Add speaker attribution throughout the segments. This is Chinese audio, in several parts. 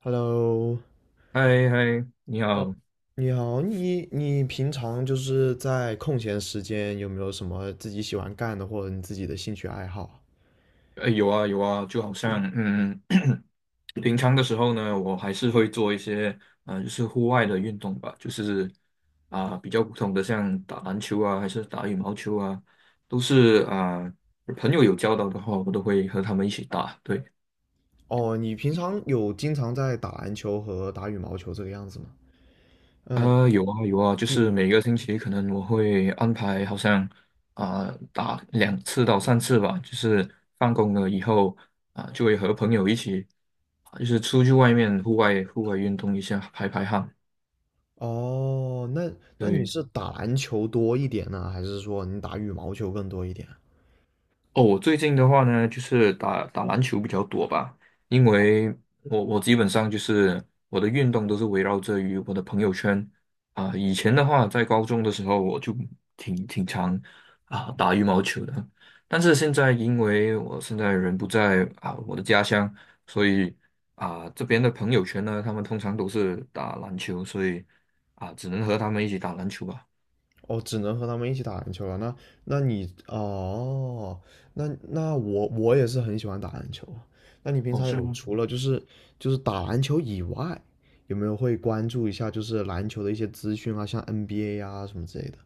Speaker 1: Hello。
Speaker 2: 嗨嗨，你
Speaker 1: 呃
Speaker 2: 好，
Speaker 1: 你好，你平常就是在空闲时间有没有什么自己喜欢干的或者你自己的兴趣爱好啊？
Speaker 2: 哎，有啊有啊，就好像平常的时候呢，我还是会做一些就是户外的运动吧，就是比较普通的，像打篮球啊，还是打羽毛球啊，都是朋友有交导的话，我都会和他们一起打。对，
Speaker 1: 哦，你平常有经常在打篮球和打羽毛球这个样子吗？嗯，
Speaker 2: 啊，有啊有啊，就
Speaker 1: 你
Speaker 2: 是每个星期可能我会安排，好像打2次到3次吧，就是放工了以后就会和朋友一起，就是出去外面户外运动一下，排排汗。
Speaker 1: 哦，那你
Speaker 2: 对，
Speaker 1: 是打篮球多一点呢，还是说你打羽毛球更多一点啊？
Speaker 2: 哦，我最近的话呢，就是打打篮球比较多吧，因为我基本上就是我的运动都是围绕着于我的朋友圈以前的话，在高中的时候，我就挺常打羽毛球的，但是现在因为我现在人不在我的家乡，所以这边的朋友圈呢，他们通常都是打篮球，所以只能和他们一起打篮球吧。
Speaker 1: 哦，只能和他们一起打篮球了。那那我也是很喜欢打篮球啊。那你平
Speaker 2: 哦，
Speaker 1: 常
Speaker 2: 是
Speaker 1: 有
Speaker 2: 吗？
Speaker 1: 除了就是打篮球以外，有没有会关注一下就是篮球的一些资讯啊，像 NBA 啊什么之类的？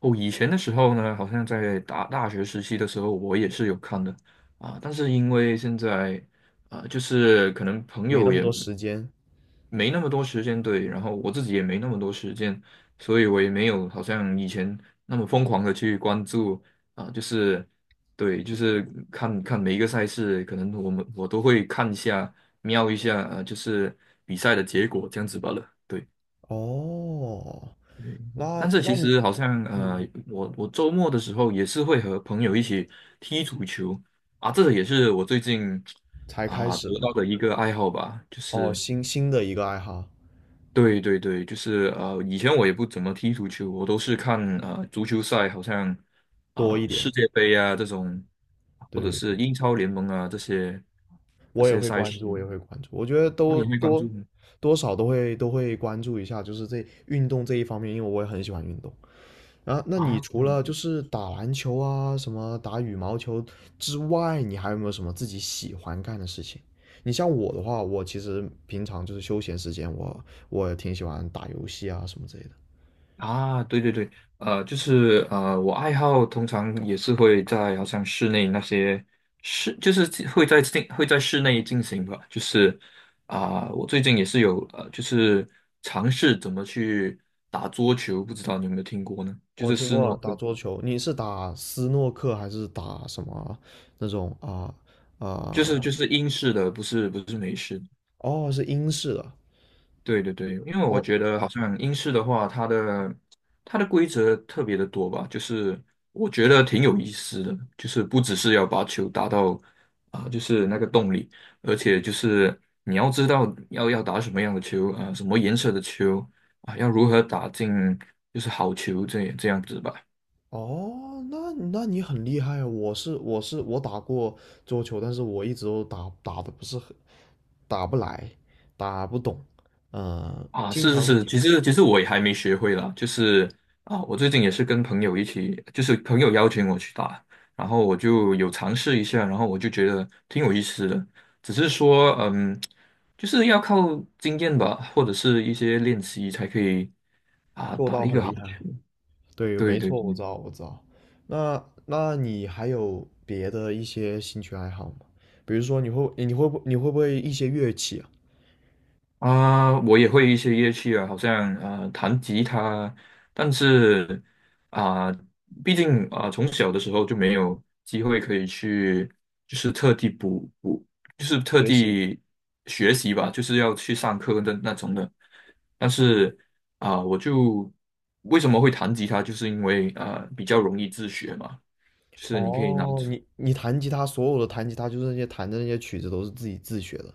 Speaker 2: 哦，以前的时候呢，好像在大学时期的时候，我也是有看的啊，但是因为现在啊，就是可能朋
Speaker 1: 没那
Speaker 2: 友
Speaker 1: 么
Speaker 2: 也
Speaker 1: 多时间。
Speaker 2: 没那么多时间，对，然后我自己也没那么多时间，所以我也没有好像以前那么疯狂的去关注啊，就是对，就是看看每一个赛事，可能我都会看一下，瞄一下，就是比赛的结果这样子罢了，对。
Speaker 1: 哦，那
Speaker 2: 但是
Speaker 1: 那
Speaker 2: 其
Speaker 1: 你
Speaker 2: 实好像
Speaker 1: 嗯，
Speaker 2: 我周末的时候也是会和朋友一起踢足球啊，这个也是我最近
Speaker 1: 才开始的
Speaker 2: 得到
Speaker 1: 嘛。
Speaker 2: 的一个爱好吧，就
Speaker 1: 哦，
Speaker 2: 是
Speaker 1: 新的一个爱好
Speaker 2: 对对对，就是以前我也不怎么踢足球，我都是看足球赛，好像
Speaker 1: 多一点。
Speaker 2: 世界杯啊这种，或者是
Speaker 1: 对，
Speaker 2: 英超联盟啊这些
Speaker 1: 我也会
Speaker 2: 赛
Speaker 1: 关
Speaker 2: 事，
Speaker 1: 注，我也会关注。我觉得
Speaker 2: 那你
Speaker 1: 都
Speaker 2: 会关
Speaker 1: 多
Speaker 2: 注吗？
Speaker 1: 多少都会关注一下，就是这运动这一方面，因为我也很喜欢运动。然后，那你
Speaker 2: 啊？
Speaker 1: 除了就是打篮球啊，什么打羽毛球之外，你还有没有什么自己喜欢干的事情？你像我的话，我其实平常就是休闲时间，我也挺喜欢打游戏啊什么之类的。
Speaker 2: 啊，对对对，就是我爱好通常也是会在好像室内那些室，就是会在室内进行吧，就是我最近也是有就是尝试怎么去打桌球，不知道你有没有听过呢？就
Speaker 1: 我
Speaker 2: 是
Speaker 1: 听
Speaker 2: 斯
Speaker 1: 过
Speaker 2: 诺
Speaker 1: 打
Speaker 2: 克，
Speaker 1: 桌球，你是打斯诺克还是打什么那种啊？
Speaker 2: 就是
Speaker 1: 啊、
Speaker 2: 就是英式的，不是美式的。
Speaker 1: 哦，是英式的。
Speaker 2: 对对对，因为我
Speaker 1: 哦，
Speaker 2: 觉得好像英式的话，它的规则特别的多吧，就是我觉得挺有意思的，就是不只是要把球打到就是那个洞里，而且就是你要知道要打什么样的球什么颜色的球要如何打进就是好球这样子吧。
Speaker 1: 哦，那你很厉害啊！我打过桌球，但是我一直都打的不是很，打不来，打不懂，嗯，
Speaker 2: 啊，
Speaker 1: 经
Speaker 2: 是是
Speaker 1: 常
Speaker 2: 是，其实我也还没学会啦，就是我最近也是跟朋友一起，就是朋友邀请我去打，然后我就有尝试一下，然后我就觉得挺有意思的，只是说就是要靠经验吧，或者是一些练习才可以
Speaker 1: 做
Speaker 2: 打
Speaker 1: 到
Speaker 2: 一个
Speaker 1: 很
Speaker 2: 好
Speaker 1: 厉害。
Speaker 2: 球。
Speaker 1: 对，
Speaker 2: 对
Speaker 1: 没
Speaker 2: 对
Speaker 1: 错，
Speaker 2: 对。
Speaker 1: 我知道，我知道。那你还有别的一些兴趣爱好吗？比如说你会不会一些乐器啊？
Speaker 2: 啊，我也会一些乐器啊，好像弹吉他，但是啊，毕竟啊从小的时候就没有机会可以去，就是特地补补，就是特
Speaker 1: 学习。
Speaker 2: 地学习吧，就是要去上课的那种的。但是啊，我就为什么会弹吉他，就是因为比较容易自学嘛，就是你可以拿。
Speaker 1: 哦，你弹吉他，所有的弹吉他就是那些弹的那些曲子都是自己自学的。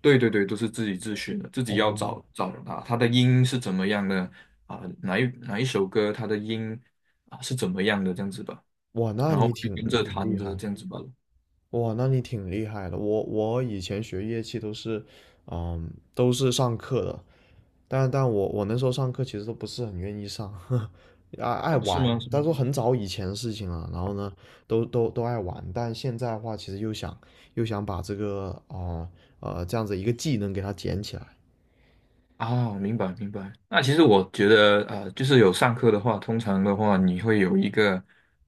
Speaker 2: 对对对，都是自己自学的，自己要
Speaker 1: 哦，
Speaker 2: 找找他，他的音是怎么样的啊？哪一首歌他的音啊是怎么样的这样子吧，
Speaker 1: 哇，那
Speaker 2: 然后
Speaker 1: 你
Speaker 2: 我就
Speaker 1: 挺你
Speaker 2: 跟着
Speaker 1: 挺
Speaker 2: 弹
Speaker 1: 厉
Speaker 2: 着
Speaker 1: 害。
Speaker 2: 这样子吧。
Speaker 1: 哇，那你挺厉害的。我我以前学乐器都是，嗯，都是上课的，但我那时候上课其实都不是很愿意上，爱
Speaker 2: 哦，是
Speaker 1: 玩。
Speaker 2: 吗？是吗
Speaker 1: 但是很早以前的事情了，然后呢，都爱玩。但现在的话，其实又想把这个这样子一个技能给它捡起来。
Speaker 2: 哦，明白明白。那其实我觉得，就是有上课的话，通常的话，你会有一个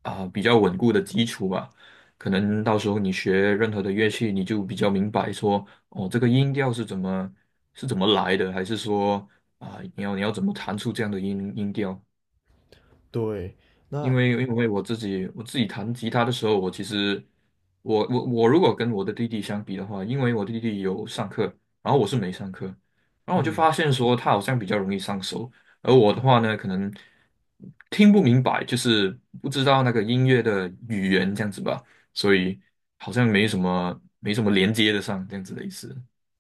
Speaker 2: 比较稳固的基础吧。可能到时候你学任何的乐器，你就比较明白说，哦，这个音调是是怎么来的，还是说你要怎么弹出这样的音调？
Speaker 1: 对，
Speaker 2: 因
Speaker 1: 那
Speaker 2: 为因为我自己弹吉他的时候，我其实我我我如果跟我的弟弟相比的话，因为我弟弟有上课，然后我是没上课，然后我就
Speaker 1: 嗯。
Speaker 2: 发现说他好像比较容易上手，而我的话呢，可能听不明白，就是不知道那个音乐的语言这样子吧，所以好像没什么连接的上这样子的意思，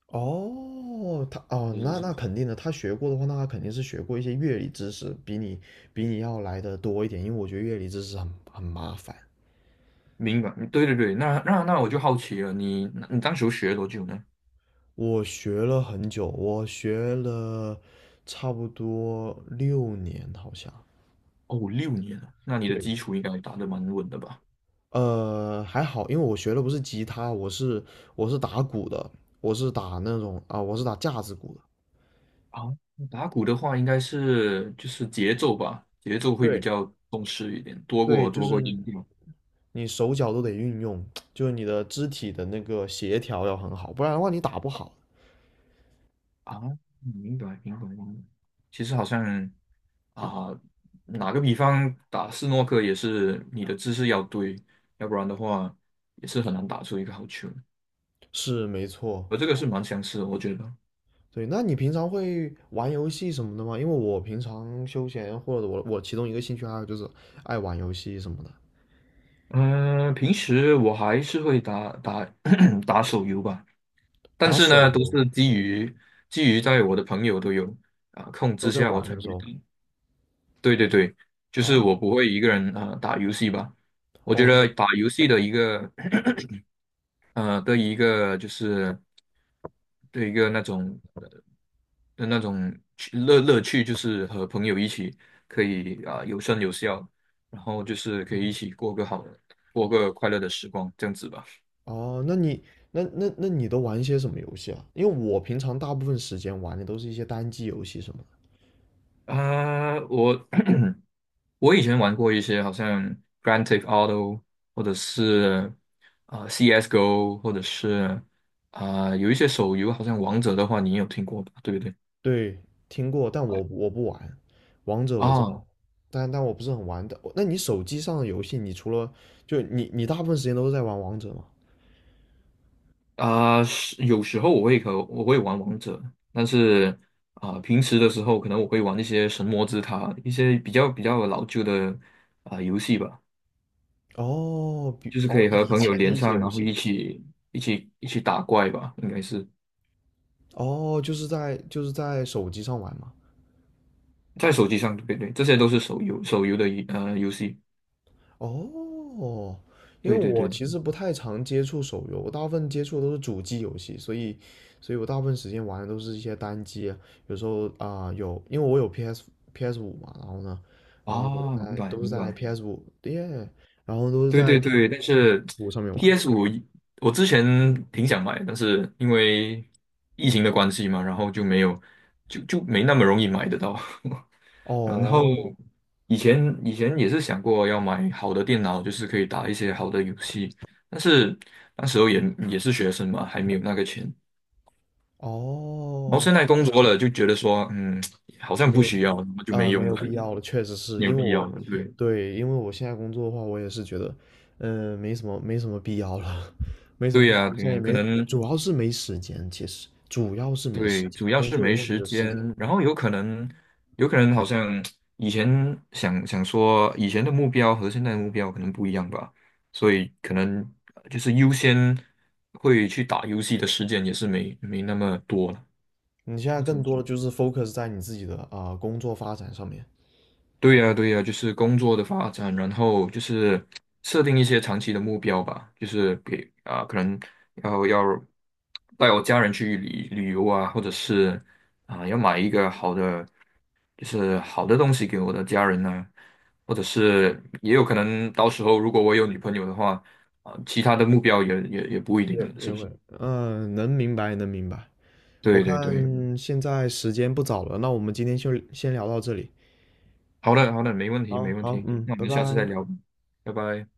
Speaker 1: 哦，
Speaker 2: 就是
Speaker 1: 那
Speaker 2: 是
Speaker 1: 那肯定的，他学过的话，那他肯定是学过一些乐理知识，比你要来的多一点，因为我觉得乐理知识很麻烦。
Speaker 2: 明白，嗯对对对，那我就好奇了，你当时学了多久呢？
Speaker 1: 我学了很久，我学了差不多六年，好像。
Speaker 2: 哦，6年了，那你的
Speaker 1: 对，
Speaker 2: 基础应该打得蛮稳的吧？
Speaker 1: 呃，还好，因为我学的不是吉他，我是打鼓的，我是打那种啊、我是打架子鼓的。
Speaker 2: 啊，打鼓的话，应该是就是节奏吧，节奏会比
Speaker 1: 对。
Speaker 2: 较重视一点，多
Speaker 1: 对，
Speaker 2: 过
Speaker 1: 就
Speaker 2: 多过
Speaker 1: 是
Speaker 2: 音调
Speaker 1: 你手脚都得运用，就是你的肢体的那个协调要很好，不然的话你打不好。
Speaker 2: 啊。明白，明白，明白。其实好像啊，打个比方，打斯诺克也是你的姿势要对，要不然的话也是很难打出一个好球。
Speaker 1: 是没错，
Speaker 2: 我这个是蛮相似的，我觉得。
Speaker 1: 对。那你平常会玩游戏什么的吗？因为我平常休闲或者我其中一个兴趣爱好就是爱玩游戏什么的，
Speaker 2: 嗯、平时我还是会打打 打手游吧。但
Speaker 1: 打
Speaker 2: 是
Speaker 1: 手
Speaker 2: 呢，都
Speaker 1: 游
Speaker 2: 是基于在我的朋友都有控
Speaker 1: 都
Speaker 2: 制
Speaker 1: 在
Speaker 2: 下，我
Speaker 1: 玩
Speaker 2: 才
Speaker 1: 的时
Speaker 2: 会
Speaker 1: 候
Speaker 2: 打。对对对，就是
Speaker 1: 啊。
Speaker 2: 我不会一个人啊打游戏吧。我觉
Speaker 1: 哦，
Speaker 2: 得打游戏的一个 的一个就是的一个那种的那种趣乐乐趣，就是和朋友一起可以有声有笑，然后就是可以一起过个快乐的时光，这样子吧。
Speaker 1: 哦，那你那你都玩一些什么游戏啊？因为我平常大部分时间玩的都是一些单机游戏什么的。
Speaker 2: 啊、我我以前玩过一些好像《Grand Theft Auto》或者是《CS:GO》，或者是有一些手游，好像《王者》的话，你也有听过吧？对不对？
Speaker 1: 对，听过，但我不玩，王者我知道，
Speaker 2: 啊
Speaker 1: 但我不是很玩的。那你手机上的游戏，你除了你大部分时间都是在玩王者吗？
Speaker 2: 是有时候我会玩王者，但是平时的时候可能我会玩一些神魔之塔，一些比较老旧的游戏吧，
Speaker 1: 哦，
Speaker 2: 就是可以和
Speaker 1: 以
Speaker 2: 朋友
Speaker 1: 前的
Speaker 2: 连
Speaker 1: 一些
Speaker 2: 上，
Speaker 1: 游
Speaker 2: 然后
Speaker 1: 戏，
Speaker 2: 一起打怪吧，应该是
Speaker 1: 哦，就是在手机上玩嘛。
Speaker 2: 在手机上，对不对，这些都是手游的游戏。
Speaker 1: 哦，因为
Speaker 2: 对对
Speaker 1: 我
Speaker 2: 对对，
Speaker 1: 其实不太常接触手游，我大部分接触的都是主机游戏，所以，所以我大部分时间玩的都是一些单机啊，有时候啊、有，因为我有 PS 五嘛，然后呢，然后
Speaker 2: 啊，明白
Speaker 1: 都是
Speaker 2: 明
Speaker 1: 在
Speaker 2: 白，
Speaker 1: PS 五耶，然后都是
Speaker 2: 对
Speaker 1: 在
Speaker 2: 对
Speaker 1: PS
Speaker 2: 对，但是
Speaker 1: 五上面玩。
Speaker 2: PS5我之前挺想买，但是因为疫情的关系嘛，然后就没有，就没那么容易买得到。然后
Speaker 1: 哦
Speaker 2: 以前也是想过要买好的电脑，就是可以打一些好的游戏，但是那时候也是学生嘛，还没有那个钱。然后
Speaker 1: 哦，
Speaker 2: 现在工作了，就觉得说，好像
Speaker 1: 没
Speaker 2: 不
Speaker 1: 有
Speaker 2: 需要，那么就没
Speaker 1: 没
Speaker 2: 用
Speaker 1: 有
Speaker 2: 了，
Speaker 1: 必要了，确实是
Speaker 2: 没有
Speaker 1: 因为
Speaker 2: 必要
Speaker 1: 我，
Speaker 2: 了，对。
Speaker 1: 对，因为我现在工作的话，我也是觉得，嗯、没什么必要了，没什么
Speaker 2: 对
Speaker 1: 必要
Speaker 2: 呀，
Speaker 1: 了，现
Speaker 2: 对
Speaker 1: 在也
Speaker 2: 呀，可
Speaker 1: 没，
Speaker 2: 能
Speaker 1: 主要是没时间，其实主要是没时
Speaker 2: 对，
Speaker 1: 间，
Speaker 2: 主要
Speaker 1: 工
Speaker 2: 是
Speaker 1: 作以
Speaker 2: 没
Speaker 1: 后你
Speaker 2: 时
Speaker 1: 的时
Speaker 2: 间，
Speaker 1: 间，
Speaker 2: 然后有可能好像以前想想说以前的目标和现在的目标可能不一样吧，所以可能就是优先会去打游戏的时间也是没那么多了，
Speaker 1: 你现
Speaker 2: 可
Speaker 1: 在
Speaker 2: 以这么
Speaker 1: 更
Speaker 2: 说。
Speaker 1: 多的就是 focus 在你自己的工作发展上面，
Speaker 2: 对呀，对呀，就是工作的发展，然后就是设定一些长期的目标吧，就是给可能要带我家人去旅游啊，或者是要买一个好的。就是好的东西给我的家人呢、或者是也有可能到时候如果我有女朋友的话，其他的目标也不一
Speaker 1: 也
Speaker 2: 定了，是
Speaker 1: 也
Speaker 2: 不是？
Speaker 1: 会，嗯、能明白，能明白。我
Speaker 2: 对对对，
Speaker 1: 看现在时间不早了，那我们今天就先聊到这里。
Speaker 2: 好的好的，没问题
Speaker 1: 好
Speaker 2: 没问
Speaker 1: 好，
Speaker 2: 题，
Speaker 1: 嗯，
Speaker 2: 那我
Speaker 1: 拜
Speaker 2: 们下次
Speaker 1: 拜。
Speaker 2: 再聊吧拜拜。